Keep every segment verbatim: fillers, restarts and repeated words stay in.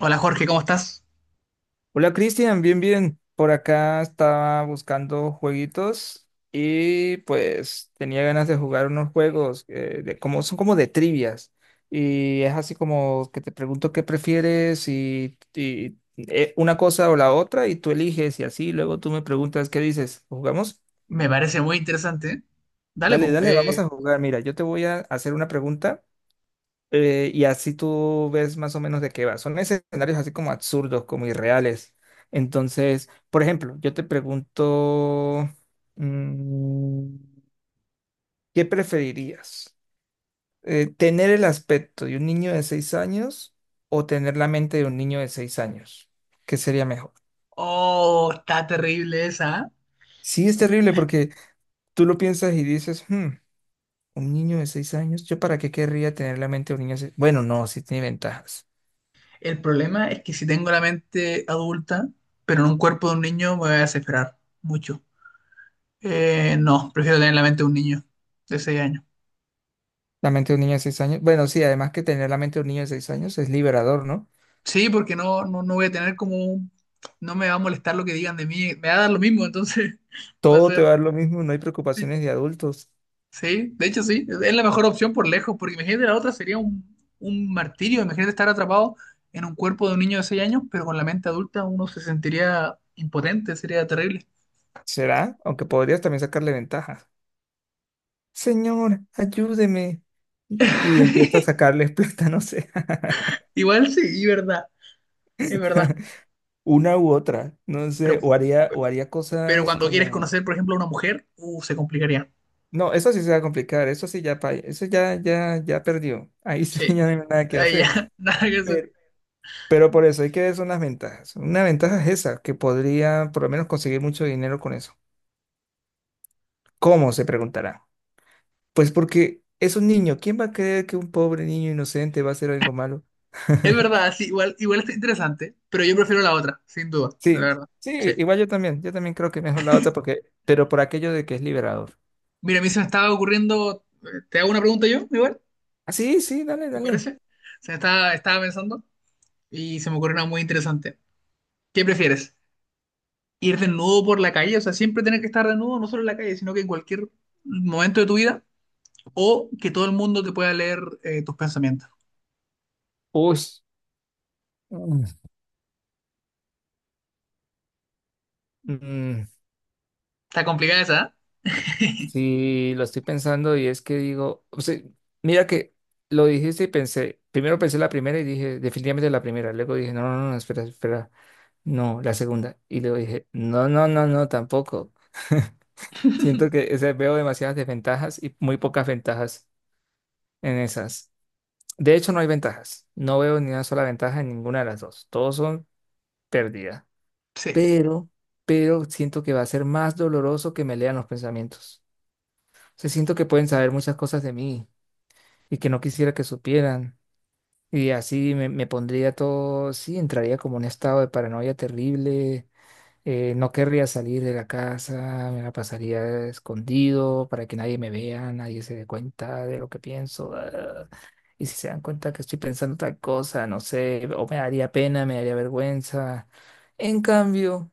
Hola Jorge, ¿cómo estás? Hola Cristian, bien, bien. Por acá estaba buscando jueguitos y pues tenía ganas de jugar unos juegos eh, de, como son como de trivias. Y es así como que te pregunto qué prefieres y, y, eh, una cosa o la otra y tú eliges y así luego tú me preguntas qué dices. ¿Jugamos? Me parece muy interesante. Dale, Dale, pues. dale, vamos Eh, a jugar. Mira, yo te voy a hacer una pregunta eh, y así tú ves más o menos de qué va. Son escenarios así como absurdos, como irreales. Entonces, por ejemplo, yo te pregunto, mm, ¿qué preferirías? Eh, ¿tener el aspecto de un niño de seis años o tener la mente de un niño de seis años? ¿Qué sería mejor? oh, está terrible esa. ¿Eh? Sí, es Está terrible terrible. porque tú lo piensas y dices, "Hmm, un niño de seis años, ¿yo para qué querría tener la mente de un niño de seis? Bueno, no, sí tiene ventajas. El problema es que si tengo la mente adulta, pero en un cuerpo de un niño, me voy a desesperar mucho. Eh, no, prefiero tener la mente de un niño de seis años. La mente de un niño de seis años. Bueno, sí, además que tener la mente de un niño de seis años es liberador, ¿no? Sí, porque no, no, no voy a tener como... un- No me va a molestar lo que digan de mí, me va a dar lo mismo, entonces va a Todo te va ser. a dar lo mismo, no hay preocupaciones de adultos. Sí, de hecho sí, es la mejor opción por lejos, porque imagínate la otra sería un, un martirio, imagínate estar atrapado en un cuerpo de un niño de seis años, pero con la mente adulta uno se sentiría impotente, sería terrible. ¿Será? Aunque podrías también sacarle ventajas. Señor, ayúdeme. Y empieza a sacarles plata, no sé. Igual sí, y verdad, es verdad, Una u otra, no pero, sé. O haría, o haría pero cosas cuando quieres como. conocer, por ejemplo, a una mujer, uh, se complicaría. No, eso sí se va a complicar, eso sí ya, pa- eso ya, ya, ya perdió. Ahí sí Sí, ya no hay nada que ahí ya, hacer. nada que hacer. Pero, Pero por eso hay que ver son las ventajas. Una ventaja es esa, que podría por lo menos conseguir mucho dinero con eso. ¿Cómo? Se preguntará. Pues porque es un niño. ¿Quién va a creer que un pobre niño inocente va a hacer algo malo? Es verdad, sí, igual, igual está interesante, pero yo prefiero la otra, sin duda, la Sí, verdad. Sí. sí, igual yo también. Yo también creo que mejor la otra porque, pero por aquello de que es liberador. Mira, a mí se me estaba ocurriendo, eh, ¿te hago una pregunta yo, igual? Ah, sí, sí, dale, ¿Te dale. parece? O sea, estaba, estaba pensando y se me ocurrió una muy interesante. ¿Qué prefieres? ¿Ir desnudo por la calle? O sea, siempre tener que estar desnudo, no solo en la calle, sino que en cualquier momento de tu vida. O que todo el mundo te pueda leer eh, tus pensamientos. Uy. Mm. Mm, Está complicada esa, ¿eh? sí, lo estoy pensando y es que digo, o sea, mira que lo dijiste y pensé, primero pensé la primera y dije, definitivamente la primera, luego dije, no, no, no, espera, espera, no, la segunda, y luego dije, no, no, no, no, tampoco. Siento que o sea, veo demasiadas desventajas y muy pocas ventajas en esas. De hecho, no hay ventajas, no veo ni una sola ventaja en ninguna de las dos, todos son pérdidas, Sí, pero, pero siento que va a ser más doloroso que me lean los pensamientos. O sea, siento que pueden saber muchas cosas de mí y que no quisiera que supieran. Y así me, me pondría todo, sí, entraría como en un estado de paranoia terrible, eh, no querría salir de la casa, me la pasaría escondido para que nadie me vea, nadie se dé cuenta de lo que pienso. Ah. Y si se dan cuenta que estoy pensando tal cosa, no sé, o me daría pena, me daría vergüenza. En cambio,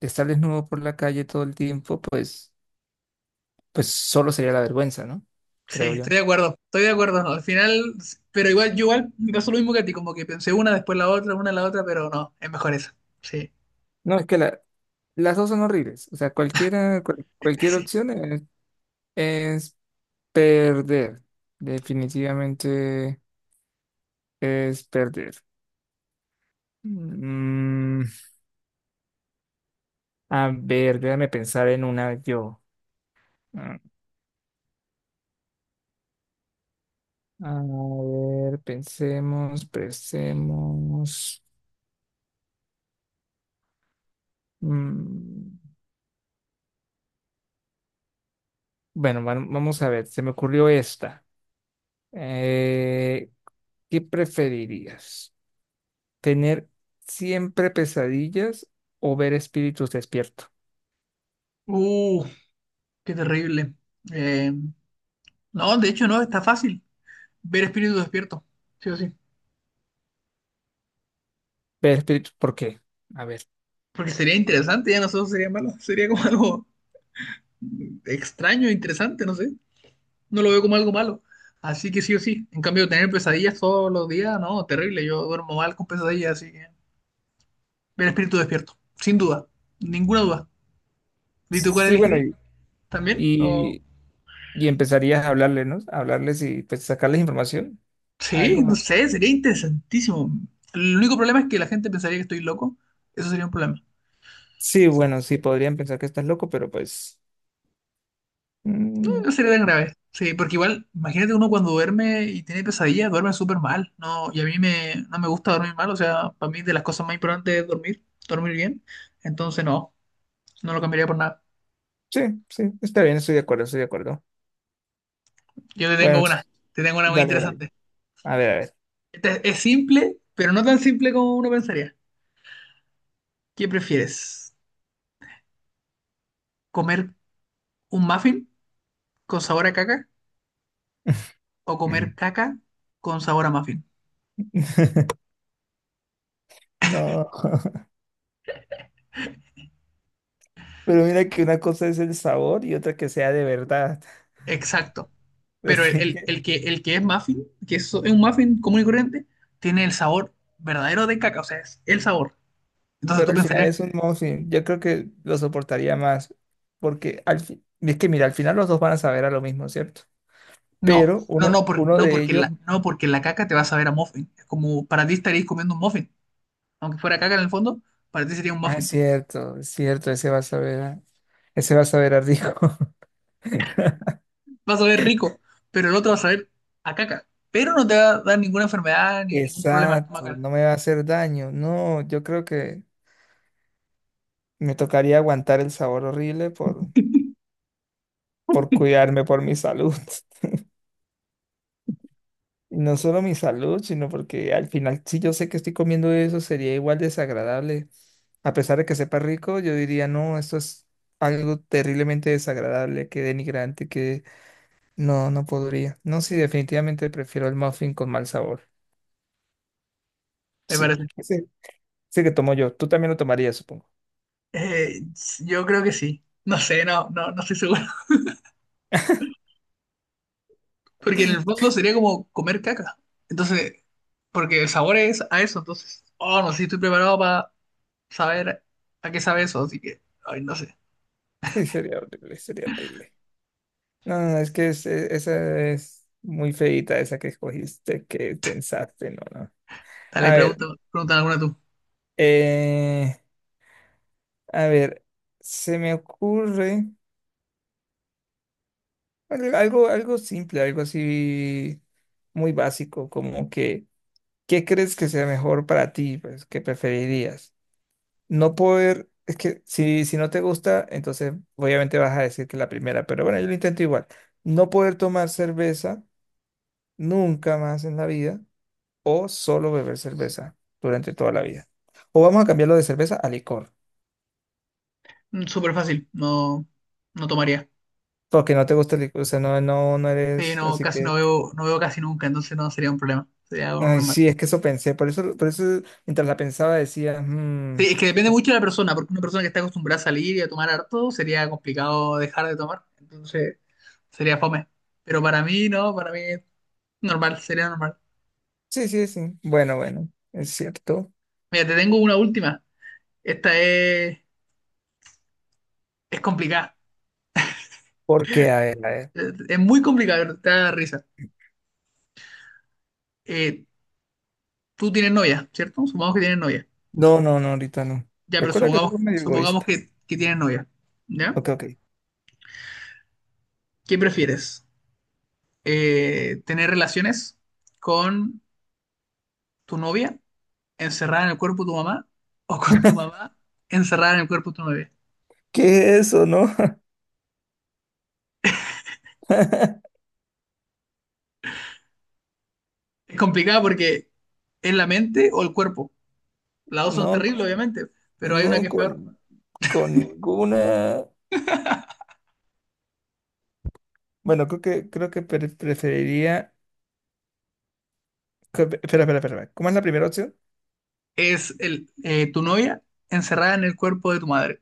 estar desnudo por la calle todo el tiempo, pues, pues solo sería la vergüenza, ¿no? sí, Creo estoy yo. de acuerdo, estoy de acuerdo. Al final, pero igual, yo igual me pasó lo mismo que a ti, como que pensé una, después la otra, una, la otra, pero no, es mejor esa. Sí, No, es que la, las dos son horribles. O sea, cualquiera, cual- cualquier sí. opción es, es perder. Definitivamente es perder. Mm, a ver, déjame pensar en una yo. Mm. A ver, pensemos, pensemos. Mm, bueno, va- vamos a ver, se me ocurrió esta. Eh, ¿qué preferirías? ¿Tener siempre pesadillas o ver espíritus despiertos? Uh, qué terrible. Eh, no, de hecho no, está fácil. Ver espíritu despierto, sí o sí. Ver, pe- ¿por qué? A ver. Porque sería interesante, ya no solo sería malo, sería como algo extraño, interesante, no sé. No lo veo como algo malo. Así que sí o sí. En cambio, tener pesadillas todos los días, no, terrible. Yo duermo mal con pesadillas, así que ver espíritu despierto, sin duda, ninguna duda. ¿Y tú cuál Sí, bueno, elegirías? y ¿También? ¿O... Y, y empezarías a hablarles, ¿no? A hablarles y pues sacarles información. Sí, no Algo. sé, sería interesantísimo. El único problema es que la gente pensaría que estoy loco. Eso sería un problema. Sí, bueno, sí, podrían pensar que estás loco, pero pues. mm, No sería tan grave. Sí, porque igual, imagínate uno cuando duerme y tiene pesadillas, duerme súper mal. No, y a mí me, no me gusta dormir mal, o sea, para mí de las cosas más importantes es dormir, dormir bien. Entonces no, no lo cambiaría por nada. sí, sí, está bien, estoy de acuerdo, estoy de acuerdo. Yo te tengo Bueno, una, s- te tengo una muy dale, dale. interesante. A ver, a ver. Esta es, es simple, pero no tan simple como uno pensaría. ¿Qué prefieres? ¿Comer un muffin con sabor a caca o comer Ujú. caca con sabor a muffin? No, pero mira que una cosa es el sabor y otra que sea de verdad. Exacto. Pero el, Así el- el que, el que es muffin, que es, es un muffin común y corriente, tiene el sabor verdadero de caca, o sea, es el sabor. Entonces pero tú al final pensarías que es un muffin. Yo creo que lo soportaría más. Porque al fin, es que mira, al final los dos van a saber a lo mismo, ¿cierto? no, Pero no, no, uno, por- uno no, de porque ellos, la, no porque la caca te va a saber a muffin. Es como para ti estarías comiendo un muffin. Aunque fuera caca en el fondo, para ti sería un ah, es muffin. cierto, es cierto, ese va a saber a, ese va a saber a rico. Vas a ver rico, pero el otro va a saber a caca. Pero no te va a dar ninguna enfermedad ni ningún problema Exacto, estomacal, no me va a hacer daño. No, yo creo que me tocaría aguantar el sabor horrible por, por cuidarme, por mi salud. Y no solo mi salud, sino porque al final, si yo sé que estoy comiendo eso, sería igual desagradable. A pesar de que sepa rico, yo diría, no, esto es algo terriblemente desagradable, que denigrante, que no, no podría. No, sí, definitivamente prefiero el muffin con mal sabor. me Sí, parece. sí, sí que tomo yo. Tú también lo tomarías, supongo. Eh, yo creo que sí. No sé, no, no, no estoy seguro. Porque en el fondo sería como comer caca. Entonces, porque el sabor es a eso. Entonces, oh, no sé si estoy preparado para saber a qué sabe eso. Así que, ay, no sé. Sí, sería horrible, sería horrible. No, no, no, es que es- e- esa es muy feita, esa que escogiste, que pensaste, no, no. Dale, A ver, pregunta, pregunta alguna tú. eh, a ver, se me ocurre al- algo, algo simple, algo así muy básico, como que, ¿qué crees que sea mejor para ti? Pues, ¿qué preferirías? No poder, es que si, si no te gusta, entonces obviamente vas a decir que la primera, pero bueno, yo lo intento igual. No poder tomar cerveza nunca más en la vida o solo beber cerveza durante toda la vida. O vamos a cambiarlo de cerveza a licor, Mm, Súper fácil. No, no tomaría. porque no te gusta el licor, o sea, no, no, no Sí, eres, no, así casi no que... veo, no veo casi nunca. Entonces no sería un problema. Sería algo Ay, normal. sí, es que eso pensé, por eso, por eso mientras la pensaba decía, "Mm, Sí, es que depende eh, mucho de la persona. Porque una persona que está acostumbrada a salir y a tomar harto, sería complicado dejar de tomar. Entonces, sería fome. Pero para mí, no, para mí es normal, sería normal. sí, sí, sí, bueno, bueno, es cierto, Mira, te tengo una última. Esta es, es complicada. porque, a ver, a ver, Es es muy complicada, pero te da risa. Eh, tú tienes novia, ¿cierto? Supongamos que tienes novia. no, no, no, ahorita no, Ya, pero recuerda que soy supongamos, medio supongamos egoísta, que, que tienes novia. ¿Ya? ok, ok, ¿Qué prefieres? Eh, ¿tener relaciones con tu novia encerrada en el cuerpo de tu mamá o con tu mamá encerrada en el cuerpo de tu novia? ¿qué es eso, no? Es complicada porque es la mente o el cuerpo. Las dos son No, terribles, obviamente, pero hay una que no es peor. con, con ninguna, bueno, creo que, creo que pre- preferiría, que- espera, espera, espera, ¿cómo es la primera opción? Es el, eh, tu novia encerrada en el cuerpo de tu madre.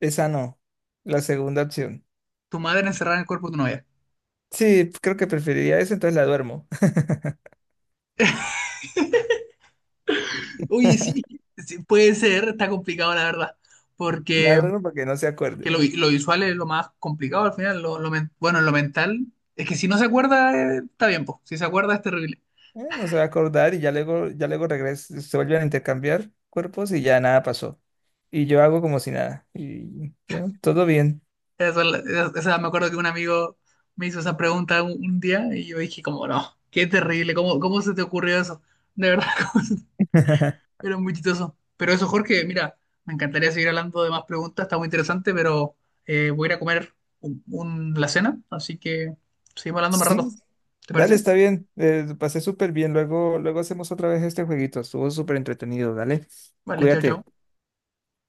Esa no, la segunda opción, Tu madre encerrada en el cuerpo de tu novia. sí, creo que preferiría eso, entonces la duermo, Uy, sí, sí, puede ser, está complicado la verdad, la porque, duermo para que no se porque acuerde. lo, vi- lo visual es lo más complicado al final, lo, lo men- bueno, lo mental, es que si no se acuerda, eh, está bien, po. Si se acuerda es terrible. Eh, no se va a acordar y ya luego, ya luego regresa, se vuelven a intercambiar cuerpos y ya nada pasó. Y yo hago como si nada. Y ya, todo bien. Esa, es la- esa- esa- Me acuerdo que un amigo me hizo esa pregunta un, un día y yo dije como, no, qué terrible, ¿cómo, cómo se te ocurrió eso? De verdad. Era muy chistoso. Pero eso, Jorge, mira, me encantaría seguir hablando de más preguntas, está muy interesante, pero eh, voy a ir a comer un, un- la cena, así que seguimos hablando más rato. Sí, ¿Te dale, parece? está bien. Eh, pasé súper bien. Luego, luego hacemos otra vez este jueguito. Estuvo súper entretenido. Dale, Vale, chao, chao. cuídate.